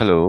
Hello.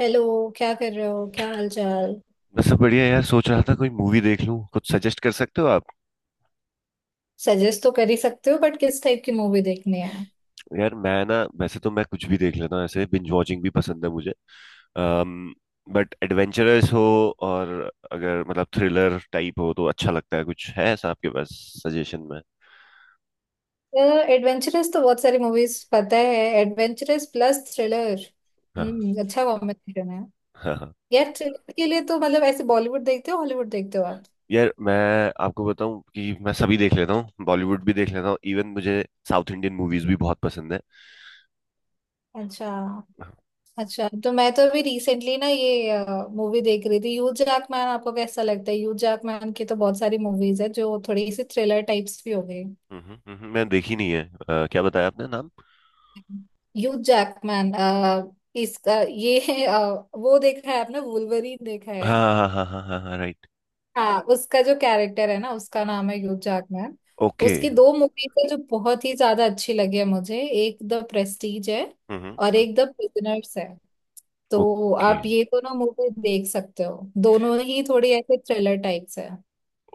Hello. क्या कर रहे हो, क्या हाल चाल। बस सब बढ़िया यार, सोच रहा था कोई मूवी देख लूं, कुछ सजेस्ट कर सकते हो आप? सजेस्ट तो कर ही सकते हो, बट किस टाइप की मूवी देखनी है? यार मैं ना वैसे तो मैं कुछ भी देख लेता हूं, ऐसे बिंज वॉचिंग भी पसंद है मुझे। बट एडवेंचरस हो और अगर मतलब थ्रिलर टाइप हो तो अच्छा लगता है, कुछ है ऐसा आपके पास सजेशन में? एडवेंचरस तो बहुत सारी मूवीज पता है। Adventurous plus thriller. हाँ हम्म, अच्छा कॉम्बिनेशन है। हाँ हाँ। यार थ्रिलर के लिए तो मतलब ऐसे बॉलीवुड देखते हो, हॉलीवुड देखते हो आप? यार मैं आपको बताऊं कि मैं सभी देख लेता हूँ, बॉलीवुड भी देख लेता हूँ, इवन मुझे साउथ इंडियन मूवीज भी बहुत पसंद है। अच्छा। अच्छा तो मैं अभी रिसेंटली ना ये मूवी देख रही थी, ह्यू जैकमैन, आपको कैसा लगता है? ह्यू जैकमैन की तो बहुत सारी मूवीज है जो थोड़ी सी थ्रिलर टाइप्स भी हो गई। मैं देखी नहीं है। क्या बताया आपने नाम? ह्यू जैकमैन, इसका ये है, वो देखा है आपने, वुल्वरीन देखा है? हाँ हाँ हाँ हाँ हाँ हाँ, राइट। हाँ, उसका जो कैरेक्टर है ना, उसका नाम है ह्यू जैकमैन। ओके। उसकी दो मूवीज है जो बहुत ही ज्यादा अच्छी लगी है मुझे, एक द प्रेस्टीज है हम्म और हम्म, एक द प्रिजनर्स है। तो ओके आप ये दोनों मूवी देख सकते हो, दोनों ही थोड़ी ऐसे थ्रिलर टाइप्स है।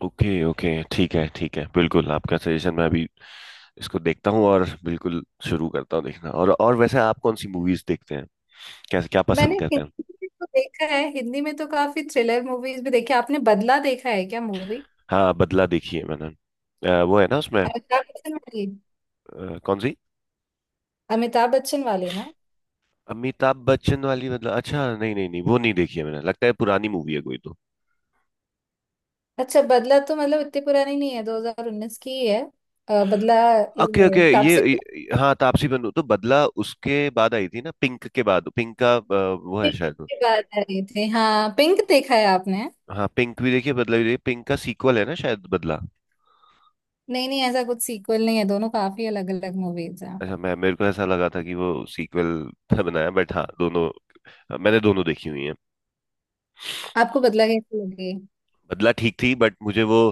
ओके ओके, ठीक है ठीक है, बिल्कुल आपका सजेशन मैं अभी इसको देखता हूँ और बिल्कुल शुरू करता हूँ देखना। और वैसे आप कौन सी मूवीज देखते हैं, कैसे क्या मैंने पसंद करते हैं? हिंदी में तो देखा है, हिंदी में तो काफी थ्रिलर मूवीज भी देखी है। आपने बदला देखा है क्या, मूवी? हाँ, बदला देखी है मैंने। वो है ना उसमें। अमिताभ बच्चन वाली। कौन सी? अमिताभ बच्चन वाली ना। अमिताभ बच्चन वाली बदला? अच्छा, नहीं नहीं नहीं, वो नहीं देखी है मैंने, लगता है पुरानी मूवी है कोई तो। अच्छा, बदला तो मतलब इतनी पुरानी नहीं है, 2019 की ही है। बदला, ओके ये ओके, तापसी पन्नूं ये हाँ तापसी पन्नू तो बदला उसके बाद आई थी ना पिंक के बाद, पिंक का वो है शायद। के बाद आई थी। हाँ, पिंक देखा है आपने? हाँ, पिंक भी देखिए, बदला भी देखिए, पिंक का सीक्वल है ना शायद बदला। नहीं नहीं, ऐसा कुछ सीक्वल नहीं है, दोनों काफी अलग अलग मूवीज हैं। अच्छा, मैं मेरे को ऐसा लगा था कि वो सीक्वल था बनाया, बट हाँ दोनों मैंने दोनों देखी हुई हैं। आपको बदला कैसी लगी? बदला ठीक थी, बट मुझे वो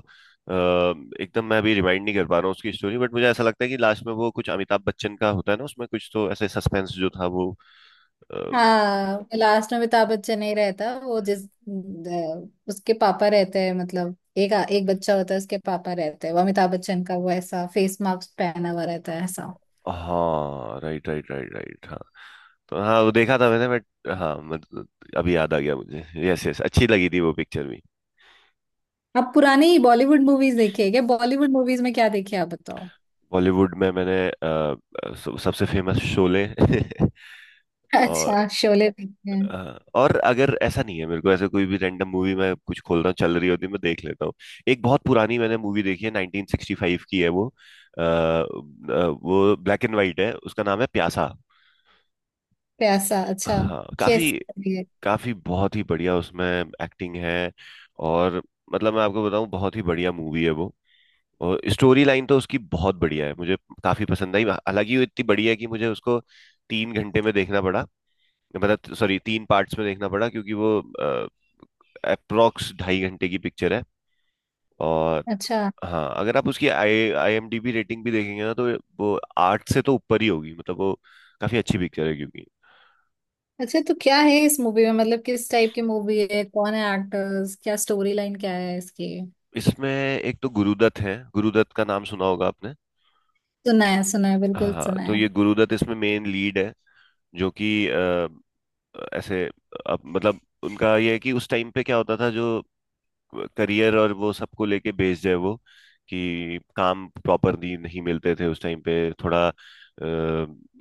एकदम मैं अभी रिमाइंड नहीं कर पा रहा हूँ उसकी स्टोरी, बट मुझे ऐसा लगता है कि लास्ट में वो कुछ अमिताभ बच्चन का होता है ना, उसमें कुछ तो ऐसे सस्पेंस जो था वो अ, हाँ, लास्ट में अमिताभ बच्चन नहीं रहता, वो जिस उसके पापा रहते हैं, मतलब एक एक बच्चा होता है, उसके पापा रहते हैं, वो अमिताभ बच्चन का वो ऐसा फेस मास्क पहना हुआ रहता है ऐसा। हाँ राइट राइट राइट राइट हाँ, तो हाँ वो देखा था मैंने, बट हाँ मतलब अभी याद आ गया मुझे। यस यस, अच्छी लगी थी वो पिक्चर भी। आप पुरानी बॉलीवुड मूवीज देखी है क्या? बॉलीवुड मूवीज में क्या देखे आप, बताओ। बॉलीवुड में मैंने सबसे फेमस शोले और अच्छा, शोले देखे हैं। हाँ, और अगर ऐसा नहीं है मेरे को, ऐसे कोई भी रैंडम मूवी मैं कुछ खोल रहा हूँ चल रही होती है मैं देख लेता हूँ। एक बहुत पुरानी मैंने मूवी देखी है 1965 की है वो, वो ब्लैक एंड वाइट है, उसका नाम है प्यासा। प्यासा, अच्छा। हाँ काफी। कैसी लगी है? काफी बहुत ही बढ़िया, उसमें एक्टिंग है। और मतलब मैं आपको बताऊं बहुत ही बढ़िया मूवी है वो। और स्टोरी लाइन तो उसकी बहुत बढ़िया है, मुझे काफी पसंद आई। हालांकि वो इतनी बढ़िया है कि मुझे उसको तीन घंटे में देखना पड़ा, मतलब सॉरी तीन पार्ट्स में देखना पड़ा क्योंकि वो अप्रोक्स ढाई घंटे की पिक्चर है। और अच्छा। हाँ, अगर आप उसकी आई आईएमडीबी रेटिंग भी देखेंगे ना, तो वो 8 से तो ऊपर ही होगी, मतलब वो काफी अच्छी पिक्चर है। क्योंकि अच्छा, तो क्या है इस मूवी में, मतलब किस टाइप की मूवी है, कौन है एक्टर्स, क्या स्टोरी लाइन क्या है इसकी? इसमें एक तो गुरुदत्त है, गुरुदत्त का नाम सुना होगा आपने। सुना है, सुना है, बिल्कुल हाँ सुना तो है। ये गुरुदत्त इसमें मेन लीड है, जो कि ऐसे मतलब उनका ये है कि उस टाइम पे क्या होता था, जो करियर और वो सबको लेके बेस्ड है वो, कि काम प्रॉपरली नहीं मिलते थे उस टाइम पे, थोड़ा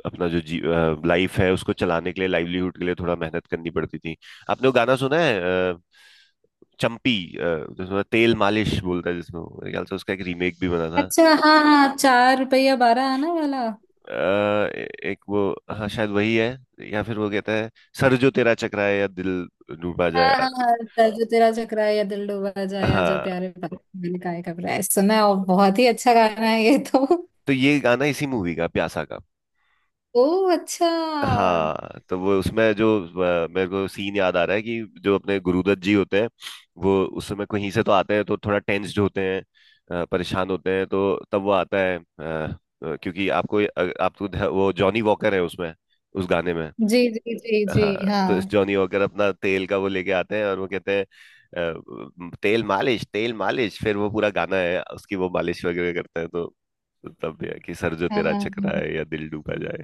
अपना जो जी लाइफ है उसको चलाने के लिए लाइवलीहुड के लिए थोड़ा मेहनत करनी पड़ती थी। आपने वो गाना सुना है चंपी जिसमें तेल मालिश बोलता है, जिसमें वो, मेरे ख्याल से उसका एक रीमेक भी बना था। अच्छा, हाँ हाँ, चार रुपया बारह आना वाला। अ, एक वो, हाँ शायद वही है। या फिर वो कहता है, सर जो तेरा चकराए या दिल डूबा हाँ जाए। हाँ हाँ, जो तेरा चकरा या दिल डूबा जाए, आजा हाँ प्यारे पागल मैंने काहे घबराए, सुना है, और बहुत ही अच्छा गाना है ये तो। तो ये गाना इसी मूवी का, प्यासा का। ओ, अच्छा। हाँ तो वो उसमें जो मेरे को सीन याद आ रहा है कि जो अपने गुरुदत्त जी होते हैं, वो उस समय कहीं से तो आते हैं तो थोड़ा टेंस्ड होते हैं, परेशान होते हैं, तो तब वो आता है क्योंकि आपको आपको वो जॉनी वॉकर है उसमें, उस गाने में। जी जी जी जी, हाँ, तो इस हाँ। जॉनी वॉकर अपना तेल का वो लेके आते हैं और वो कहते हैं तेल मालिश तेल मालिश, फिर वो पूरा गाना है, उसकी वो मालिश वगैरह करते हैं, तो तब ये है कि सर जो हाँ तेरा हाँ। चकरा हाँ। है या दिल डूबा जाए।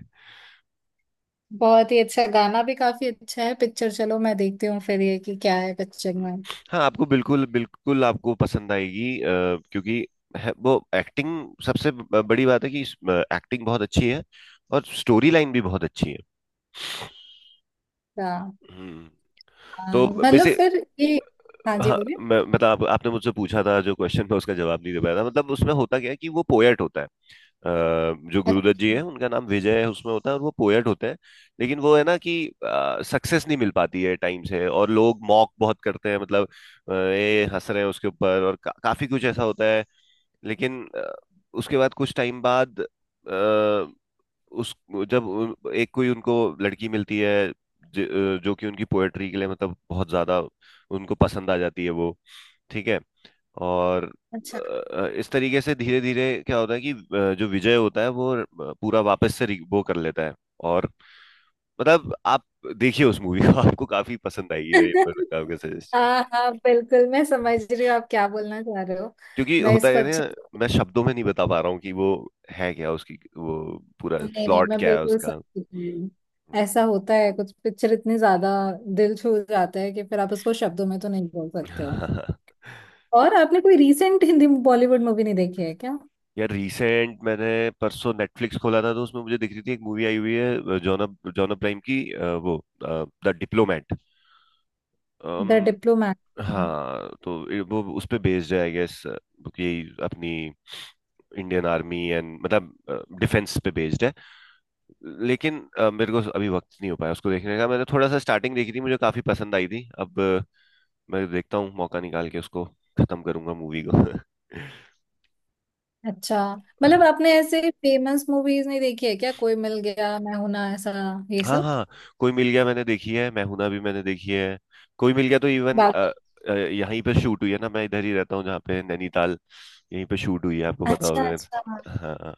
बहुत ही अच्छा गाना भी काफी अच्छा है पिक्चर, चलो मैं देखती हूँ फिर ये कि क्या है पिक्चर हम्म, में। हाँ आपको बिल्कुल बिल्कुल आपको पसंद आएगी, क्योंकि है, वो एक्टिंग सबसे बड़ी बात है कि एक्टिंग बहुत अच्छी है और स्टोरी लाइन भी बहुत अच्छी है। हाँ। हम्म। हाँ, तो मतलब वैसे, फिर ये। हाँ जी, हाँ बोलिए। मैं मतलब आप, आपने मुझसे पूछा था जो क्वेश्चन था उसका जवाब नहीं दे पाया था, मतलब उसमें होता क्या है कि वो पोएट होता है। अ, जो गुरुदत्त जी अच्छा, है उनका नाम विजय है उसमें होता है, और वो पोएट होते हैं। लेकिन वो है ना कि सक्सेस नहीं मिल पाती है टाइम से और लोग मॉक बहुत करते हैं, मतलब ये हंस रहे हैं उसके ऊपर और काफी कुछ ऐसा होता है। लेकिन उसके बाद कुछ टाइम बाद उस जब एक कोई उनको लड़की मिलती है, ज, जो कि उनकी पोएट्री के लिए मतलब बहुत ज्यादा उनको पसंद आ जाती है वो, ठीक है। और अच्छा। इस तरीके से धीरे धीरे क्या होता है कि जो विजय होता है वो पूरा वापस से वो कर लेता है। और मतलब आप देखिए उस मूवी को, आपको काफी पसंद आएगी, मैं ये बताऊंगा। हाँ हाँ, बिल्कुल मैं समझ रही हूँ आप क्या बोलना चाह रहे हो। क्योंकि मैं होता इसको है ना, अच्छे से- मैं शब्दों में नहीं बता पा रहा हूँ कि वो है क्या, उसकी वो पूरा नहीं नहीं, प्लॉट मैं क्या है बिल्कुल उसका। समझ रही हूँ। ऐसा होता है कुछ पिक्चर इतनी ज्यादा दिल छू जाता है कि फिर आप उसको शब्दों में तो नहीं बोल सकते हो। और आपने कोई रीसेंट हिंदी बॉलीवुड मूवी नहीं देखी है? यार रिसेंट मैंने परसों नेटफ्लिक्स खोला था तो उसमें मुझे दिख रही थी एक मूवी आई हुई है, जॉन जॉन अब्राहम की, वो the Diplomat. The um, Diplomat. हाँ तो वो उस पे बेस्ड है आई गेस, कि अपनी इंडियन आर्मी एंड मतलब डिफेंस पे बेस्ड है। लेकिन मेरे को अभी वक्त नहीं हो पाया उसको देखने का, मैंने थोड़ा सा स्टार्टिंग देखी थी, मुझे काफी पसंद आई थी। अब मैं देखता हूँ मौका निकाल के, उसको खत्म करूंगा मूवी को। अच्छा, मतलब आपने ऐसे फेमस मूवीज नहीं देखी है क्या, कोई मिल गया, मैं हूं ना, ऐसा ये हाँ सब? हाँ, कोई मिल गया मैंने देखी है, मैं हूं ना भी मैंने देखी है। कोई मिल गया तो इवन बात। यहीं पे शूट हुई है ना, मैं इधर ही रहता हूँ जहाँ पे नैनीताल, यहीं पे शूट हुई है, आपको पता अच्छा, होगा। अच्छा। हाँ।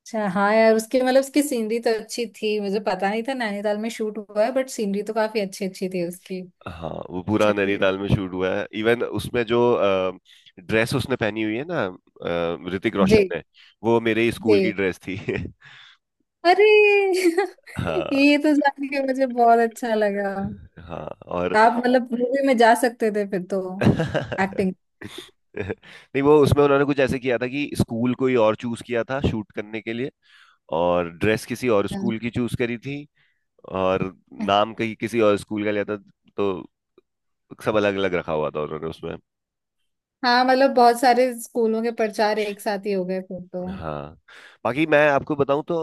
अच्छा, हाँ यार, उसकी मतलब उसकी सीनरी तो अच्छी थी, मुझे पता नहीं था नैनीताल में शूट हुआ है, बट सीनरी तो काफी अच्छी अच्छी थी उसकी। हाँ वो पूरा चलिए। नैनीताल में शूट हुआ है, इवन उसमें जो ड्रेस उसने पहनी हुई है ना ऋतिक रोशन जी। ने, वो मेरे ही स्कूल की जी। ड्रेस थी। अरे हाँ ये तो जान के मुझे बहुत अच्छा लगा। हाँ और आप मतलब मूवी में जा सकते थे फिर तो। एक्टिंग। नहीं वो उसमें उन्होंने कुछ ऐसे किया था कि स्कूल कोई और चूज किया था शूट करने के लिए, और ड्रेस किसी और स्कूल की चूज करी थी, और नाम कहीं किसी और स्कूल का लिया था, तो सब अलग अलग रखा हुआ था उन्होंने उसमें। हाँ मतलब बहुत सारे स्कूलों के प्रचार एक साथ ही हो गए फिर तो। हाँ, बाकी मैं आपको बताऊं तो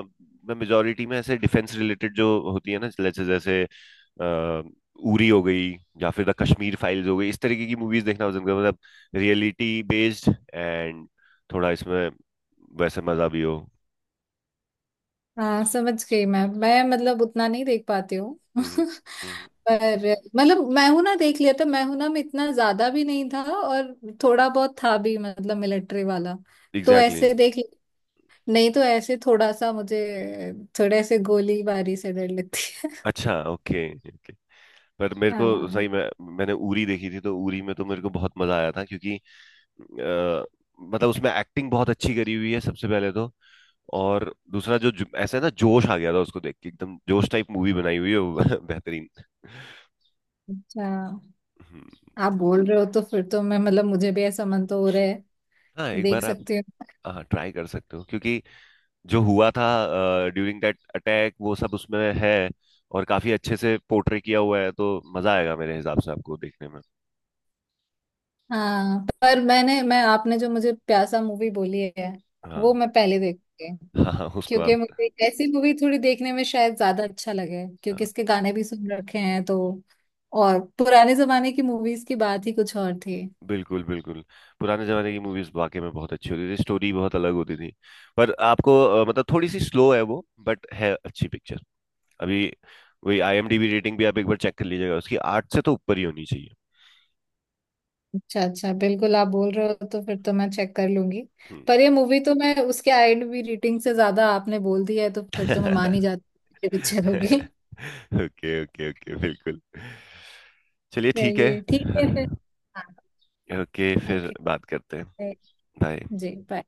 मैं मेजोरिटी में ऐसे डिफेंस रिलेटेड जो होती है ना, जैसे जैसे अ, उरी हो गई या फिर द कश्मीर फाइल्स हो गई, इस तरीके की मूवीज देखना पसंद करता हूँ। मतलब रियलिटी बेस्ड एंड थोड़ा इसमें वैसे मजा भी हो। हाँ समझ गई मैं, मतलब उतना नहीं देख पाती हूँ हम्म। हम्म। पर। मतलब मैं हूं ना देख लिया था, मैं हूं ना में इतना ज्यादा भी नहीं था, और थोड़ा बहुत था भी मतलब मिलिट्री वाला, तो एग्जैक्टली ऐसे exactly. देख लिया। नहीं तो ऐसे थोड़ा सा मुझे, थोड़े से गोलीबारी से डर लगती है। अच्छा ओके ओके, पर मेरे को हाँ। सही में मैंने उरी देखी थी तो उरी में तो मेरे को बहुत मजा आया था क्योंकि अ, मतलब उसमें एक्टिंग बहुत अच्छी करी हुई है सबसे पहले तो, और दूसरा जो जो- ऐसा है ना जोश आ गया था उसको देख के, एकदम जोश टाइप मूवी बनाई हुई है वो। बेहतरीन। अच्छा। हम्म। आप बोल रहे हो तो फिर तो मैं मतलब मुझे भी ऐसा मन तो हो रहा है, हाँ एक देख बार आप, सकती हूँ। हाँ ट्राई कर सकते हो क्योंकि जो हुआ था ड्यूरिंग दैट अटैक वो सब उसमें है, और काफी अच्छे से पोर्ट्रे किया हुआ है, तो मजा आएगा मेरे हिसाब से आपको देखने में। हाँ, पर मैं आपने जो मुझे प्यासा मूवी बोली है वो हाँ मैं पहले देखूंगी, हाँ, हाँ, उसको आप, क्योंकि मुझे ऐसी मूवी थोड़ी देखने में शायद ज्यादा अच्छा लगे, क्योंकि हाँ, इसके गाने भी सुन रखे हैं तो। और पुराने जमाने की मूवीज की बात ही कुछ और थी। बिल्कुल बिल्कुल पुराने जमाने की मूवीज वाकई में बहुत अच्छी होती थी, स्टोरी बहुत अलग होती थी। पर आपको मतलब थोड़ी सी स्लो है वो, बट है अच्छी पिक्चर। अभी वही आईएमडीबी रेटिंग भी आप एक बार चेक कर लीजिएगा, उसकी 8 से तो ऊपर ही होनी चाहिए। अच्छा अच्छा, बिल्कुल आप बोल रहे हो तो फिर तो मैं चेक कर लूंगी। हम्म। पर ये मूवी तो मैं उसके आईएमडीबी रेटिंग से ज्यादा आपने बोल दी है तो फिर तो मैं मान ही जाती हूँ कि पिक्चर होगी। ओके ओके ओके, बिल्कुल चलिए ठीक है। चलिए ठीक है फिर। हाँ। ओके फिर ओके। बात करते हैं। बाय। जी, बाय।